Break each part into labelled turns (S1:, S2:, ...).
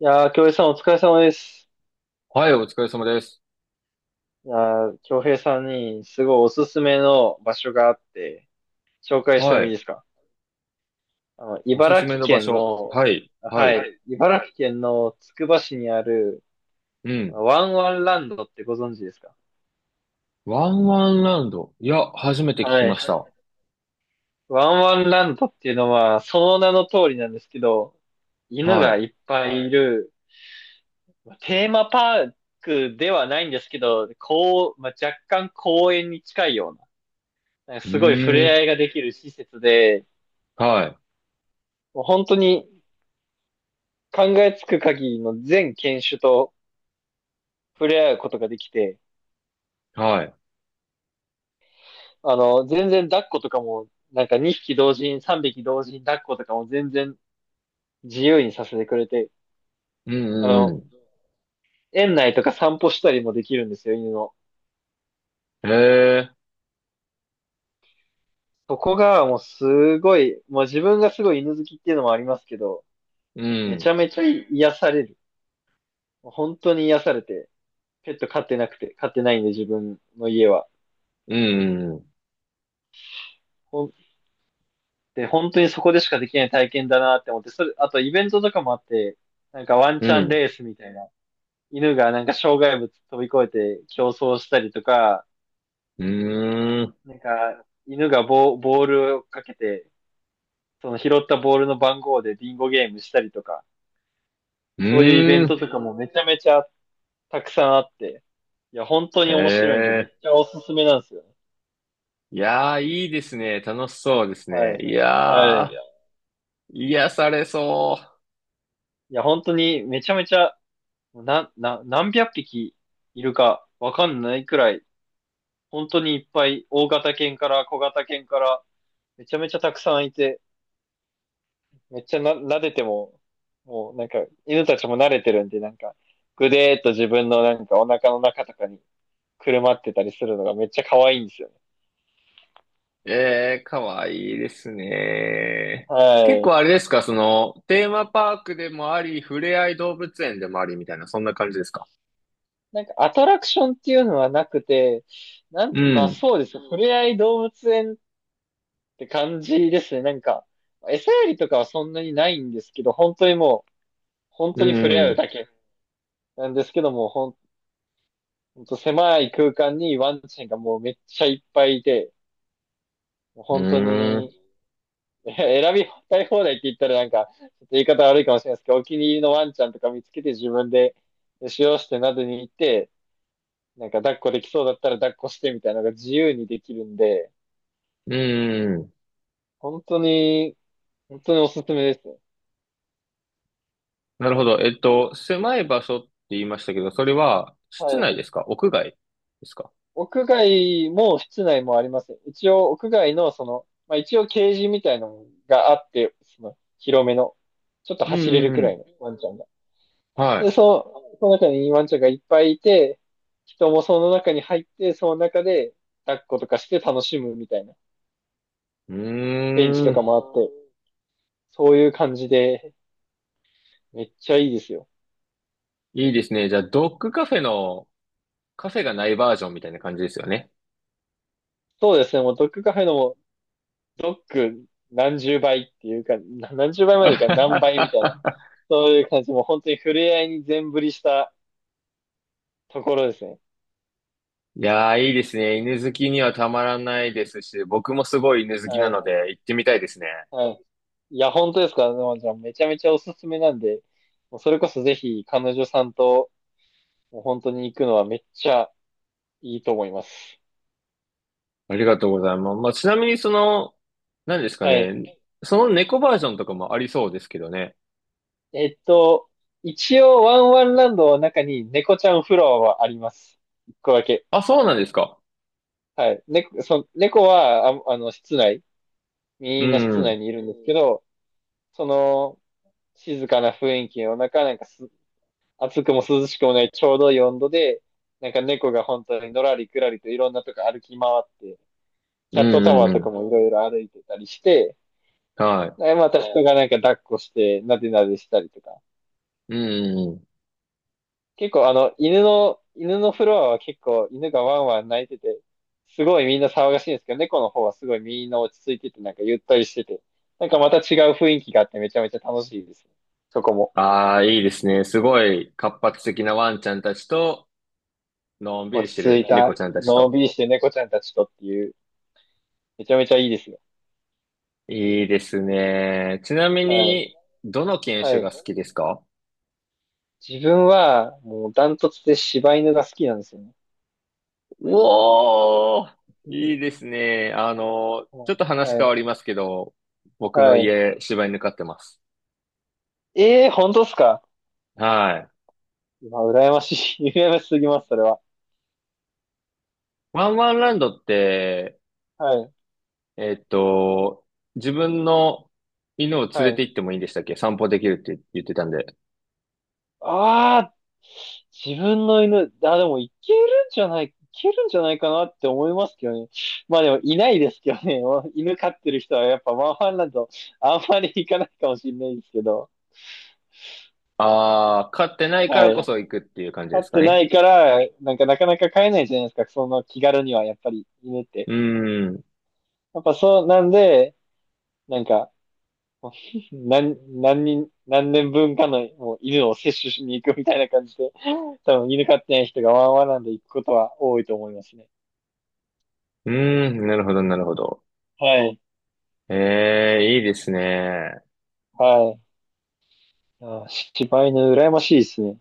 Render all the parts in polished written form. S1: いやー、京平さんお疲れ様です。
S2: はい、お疲れ様です。
S1: いやー、京平さんにすごいおすすめの場所があって、紹介して
S2: は
S1: もいい
S2: い。
S1: ですか？
S2: おすす
S1: 茨
S2: め
S1: 城
S2: の場
S1: 県
S2: 所。
S1: の、
S2: はい。は
S1: は
S2: い。
S1: い、茨城県のつくば市にある、
S2: うん。
S1: ワンワンランドってご存知ですか？
S2: ワンワンラウンド。いや、初めて聞き
S1: は
S2: ま
S1: い。
S2: した。
S1: ワンワンランドっていうのは、その名の通りなんですけど、犬
S2: は
S1: が
S2: い。
S1: いっぱいいる、まあテーマパークではないんですけど、こう、まあ、若干公園に近いような、
S2: う
S1: すごい触
S2: ー
S1: れ合
S2: ん。
S1: いができる施設で、
S2: はい。
S1: もう本当に考えつく限りの全犬種と触れ合うことができて、
S2: はい。
S1: 全然抱っことかも、なんか2匹同時に3匹同時に抱っことかも全然自由にさせてくれて、
S2: う
S1: あ
S2: んう
S1: の、
S2: ん
S1: 園内とか散歩したりもできるんですよ、犬の。
S2: うん。へえ。
S1: そこがもうすごい、もう自分がすごい犬好きっていうのもありますけど、
S2: う
S1: めち
S2: ん。
S1: ゃめちゃ癒される。本当に癒されて、ペット飼ってなくて、飼ってないんで自分の家は。
S2: うん
S1: ほんで、本当にそこでしかできない体験だなって思って、それ、あとイベントとかもあって、なんかワン
S2: う
S1: チャ
S2: ん
S1: ン
S2: う
S1: レ
S2: ん。
S1: ースみたいな、犬がなんか障害物飛び越えて競争したりとか、
S2: うん。ーん。
S1: 犬がボールをかけて、その拾ったボールの番号でビンゴゲームしたりとか、
S2: う
S1: そういうイベ
S2: ー
S1: ント
S2: ん。
S1: とかもめちゃめちゃたくさんあって、いや、本当
S2: へ
S1: に面白いんで、めっ
S2: え。
S1: ちゃおすすめなんですよね。
S2: いやー、いいですね。楽しそうです
S1: は
S2: ね。
S1: い。
S2: い
S1: は
S2: やー、
S1: い。
S2: 癒されそう。
S1: いや、本当にめちゃめちゃ、何百匹いるかわかんないくらい本当にいっぱい、大型犬から小型犬から、めちゃめちゃたくさんいて、めっちゃな、撫でても、もうなんか、犬たちも慣れてるんで、なんか、ぐでーっと自分のなんかお腹の中とかにくるまってたりするのがめっちゃ可愛いんですよね。
S2: ええ、かわいいですね。
S1: は
S2: 結構
S1: い。
S2: あれですか、その、テーマパークでもあり、ふれあい動物園でもありみたいな、そんな感じですか？
S1: なんかアトラクションっていうのはなくて、
S2: う
S1: まあ
S2: ん、
S1: そうです。ふれあい動物園って感じですね。なんか、餌やりとかはそんなにないんですけど、本当にもう、本
S2: う
S1: 当に触れ
S2: ん、
S1: 合う
S2: う
S1: だけなんですけども、ほんと狭い空間にワンちゃんがもうめっちゃいっぱいいて、もう本当
S2: ーん、
S1: に、選びたい放題って言ったらなんか、ちょっと言い方悪いかもしれないですけど、お気に入りのワンちゃんとか見つけて自分で使用してなどに行って、なんか抱っこできそうだったら抱っこしてみたいなのが自由にできるんで、
S2: うん。
S1: 本当に、本当におすすめですね。
S2: なるほど。狭い場所って言いましたけど、それは
S1: は
S2: 室内
S1: い。
S2: ですか屋外ですか？
S1: 屋外も室内もあります。一応屋外のその、まあ一応ケージみたいなのがあって、その広めの、ちょっと
S2: う
S1: 走
S2: ん、
S1: れる
S2: う
S1: く
S2: ん、う
S1: ら
S2: ん。
S1: いのワンちゃんが。で、
S2: は
S1: そう、その中にイーワンちゃんがいっぱいいて、人もその中に入って、その中で抱っことかして楽しむみたいな。
S2: い。う
S1: ベンチ
S2: ー
S1: とか
S2: ん、
S1: もあって、そういう感じで、めっちゃいいですよ。
S2: いいですね。じゃあ、ドッグカフェのカフェがないバージョンみたいな感じですよね。
S1: そうですね、もうドッグカフェのも、ドッグ何十倍っていうか、何十倍までいかない何倍みたいな。そういう感じ、もう本当に触れ合いに全振りしたところですね。
S2: いやー、いいですね。犬好きにはたまらないですし、僕もすごい犬好き
S1: は
S2: なの
S1: い。
S2: で行ってみたいですね。
S1: はい。いや、本当ですか、沼ちゃん？めちゃめちゃおすすめなんで、もうそれこそぜひ彼女さんと、もう本当に行くのはめっちゃいいと思います。
S2: ありがとうございます。まあ、ちなみにその、何ですか
S1: はい。
S2: ね。その猫バージョンとかもありそうですけどね。
S1: えっと、一応ワンワンランドの中に猫ちゃんフロアはあります。一個だけ。
S2: あ、そうなんですか。
S1: はい。猫は、室内、
S2: う
S1: みんな室
S2: ん。う
S1: 内
S2: ん
S1: にいるんですけど、その、静かな雰囲気の中、なんかす、暑くも涼しくもないちょうどいい温度で、なんか猫が本当にのらりくらりといろんなとこ歩き回って、
S2: う
S1: キャットタ
S2: ん
S1: ワー
S2: う
S1: とか
S2: ん。
S1: もいろいろ歩いてたりして、
S2: は
S1: でまた人がなんか抱っこして、なでなでしたりとか、
S2: い。うんうんうん。
S1: 結構あの、犬のフロアは結構犬がワンワン泣いてて、すごいみんな騒がしいんですけど、猫の方はすごいみんな落ち着いてて、なんかゆったりしてて、なんかまた違う雰囲気があってめちゃめちゃ楽しいですね。そこも。
S2: ああ、いいですね。すごい活発的なワンちゃんたちと、のんび
S1: 落
S2: りし
S1: ち
S2: て
S1: 着
S2: る
S1: いた、
S2: 猫ちゃんたち
S1: のん
S2: と。
S1: びりして猫ちゃんたちとっていう、めちゃめちゃいいですよ。
S2: いいですね。ちなみ
S1: はい。
S2: に、どの犬
S1: は
S2: 種
S1: い。
S2: が好きですか？
S1: 自分は、もうダントツで柴犬が好きなんですよね。
S2: おー、いい ですね。あの、ちょっと話
S1: は
S2: 変
S1: い。
S2: わりますけど、僕の
S1: はい。
S2: 家、柴犬飼ってます。
S1: ええー、本当っすか？
S2: はい。
S1: うわ、羨ましい。羨ましすぎます、それは。
S2: ワンワンランドって、
S1: はい。
S2: えっと、自分の犬を連
S1: は
S2: れて
S1: い。
S2: 行ってもいいんでしたっけ？散歩できるって言ってたんで。
S1: ああ、自分の犬、あ、でもいけるんじゃないかなって思いますけどね。まあでもいないですけどね。犬飼ってる人はやっぱマンハンランドあんまり行かないかもしれないですけど。
S2: あー、飼ってないか
S1: は
S2: らこ
S1: い。
S2: そ行くっていう感じ
S1: 飼
S2: で
S1: っ
S2: すか
S1: てな
S2: ね。
S1: いから、なんかなかなか飼えないじゃないですか。その気軽にはやっぱり犬って。
S2: うーん。う
S1: やっぱそうなんで、なんか、何、何年分かのもう犬を摂取しに行くみたいな感じで、多分犬飼ってない人がワンワンランド行くことは多いと思いますね。
S2: ーん、なるほど、なるほど。
S1: はい、
S2: ええ、いいですね。
S1: はい。あ、柴犬羨ましいですね。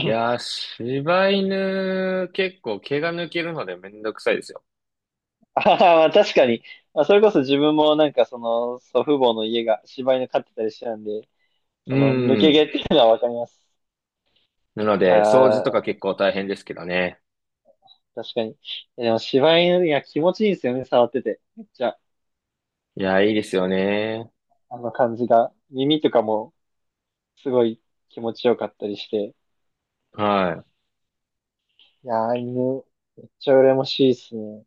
S2: いやー、柴犬、結構毛が抜けるのでめんどくさいですよね？
S1: あははまあ確かに。まあ、それこそ自分もなんかその祖父母の家が柴犬飼ってたりしてたんで、
S2: う
S1: その抜け
S2: ん。
S1: 毛っていうのはわかります。
S2: なの
S1: いや
S2: で、掃除とか
S1: ー、
S2: 結構大変ですけどね。
S1: 確かに。でも柴犬、いや気持ちいいんですよね、触ってて。めっちゃ、
S2: いや、いいですよね。
S1: あの感じが。耳とかもすごい気持ちよかったりして。
S2: はい。
S1: いやー、犬、めっちゃ羨ましいですね。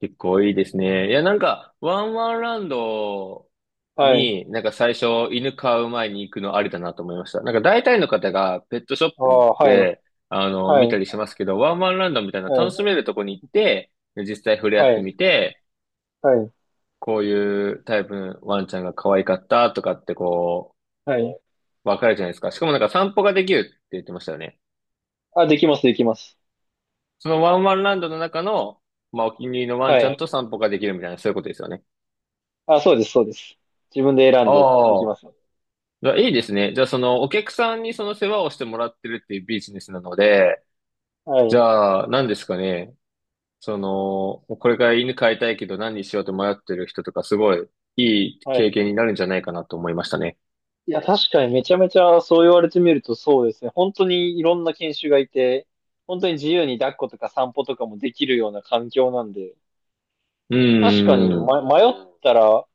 S2: 結構いいです
S1: う
S2: ね。
S1: ん。
S2: いや、なんか、ワンワンランド
S1: はい。
S2: に、なんか最初、犬飼う前に行くのありだなと思いました。なんか大体の方がペットショッ
S1: あ
S2: プに行っ
S1: あ、はい、
S2: て、あの、
S1: は
S2: 見た
S1: い、
S2: りしますけど、ワンワンランドみたいな
S1: は
S2: 楽
S1: い、
S2: しめるとこに行って、で実際触れ合っ
S1: は
S2: てみ
S1: い、
S2: て、
S1: はい、
S2: こういうタイプのワンちゃんが可愛かったとかってこ
S1: はい。
S2: う、わかるじゃないですか。しかもなんか散歩ができるって言ってましたよね。
S1: あ、できます、できます。
S2: そのワンワンランドの中の、まあ、お気に入りのワン
S1: は
S2: ちゃん
S1: い。
S2: と散歩ができるみたいな、そういうことですよね。
S1: あ、そうです、そうです。自分で選んでで
S2: あ
S1: きま
S2: あ。
S1: す。
S2: じゃあ、いいですね。じゃあ、その、お客さんにその世話をしてもらってるっていうビジネスなので、
S1: は
S2: じ
S1: い、
S2: ゃあ、何ですかね。その、これから犬飼いたいけど何にしようと迷ってる人とか、すごいいい
S1: は
S2: 経験
S1: い。
S2: になるんじゃないかなと思いましたね。
S1: いや、確かにめちゃめちゃそう言われてみるとそうですね。本当にいろんな犬種がいて、本当に自由に抱っことか散歩とかもできるような環境なんで、
S2: う
S1: 確かに、
S2: んうんうん。
S1: ま、迷ったら、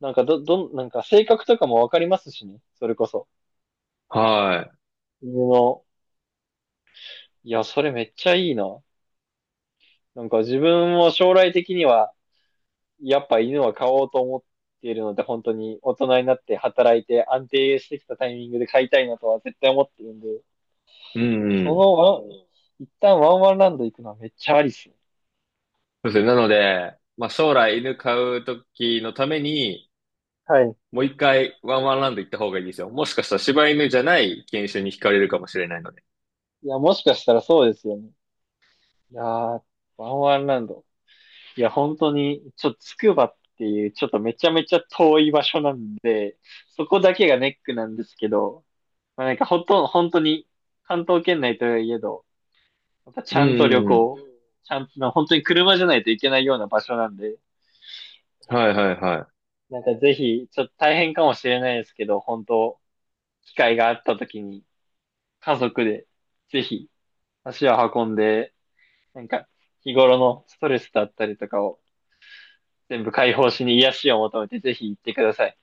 S1: なんかど、どん、なんか性格とかもわかりますしね。それこそ。
S2: は
S1: 犬の、いや、それめっちゃいいな。なんか自分も将来的には、やっぱ犬は飼おうと思っているので、本当に大人になって働いて安定してきたタイミングで飼いたいなとは絶対思ってるんで、
S2: い。うんう
S1: その
S2: ん。
S1: ワン、一旦ワンワンランド行くのはめっちゃありっすね。
S2: そうですね。なので、まあ、将来犬飼うときのために、
S1: はい。
S2: もう一回ワンワンランド行った方がいいですよ。もしかしたら柴犬じゃない犬種に惹かれるかもしれないので。
S1: いや、もしかしたらそうですよね。いやー、ワンワンランド。いや、本当に、ちょっとつくばっていう、ちょっとめちゃめちゃ遠い場所なんで、そこだけがネックなんですけど、まあ、なんかほとんど、本当に、関東圏内といえど、やっぱち
S2: うん
S1: ゃんと
S2: う
S1: 旅
S2: んうん。
S1: 行、ちゃんと、本当に車じゃないといけないような場所なんで、
S2: はいはいはい。
S1: なんかぜひ、ちょっと大変かもしれないですけど、本当、機会があった時に、家族で、ぜひ、足を運んで、なんか、日頃のストレスだったりとかを全部解放しに癒しを求めて、ぜひ行ってください。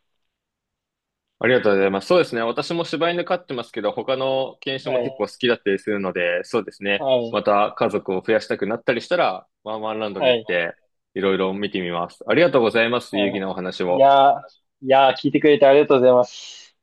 S2: ありがとうございます。そうですね。私も柴犬飼ってますけど、他の犬種
S1: は
S2: も結構
S1: い、
S2: 好きだったりするので、そうですね。
S1: は
S2: ま
S1: い、
S2: た家族を増やしたくなったりしたら、ワンワンランドに
S1: は
S2: 行っ
S1: い、
S2: て、いろいろ見てみます。ありがとうございます。有意義
S1: は
S2: なお話
S1: い。
S2: を。
S1: いやー、聞いてくれてありがとうございます。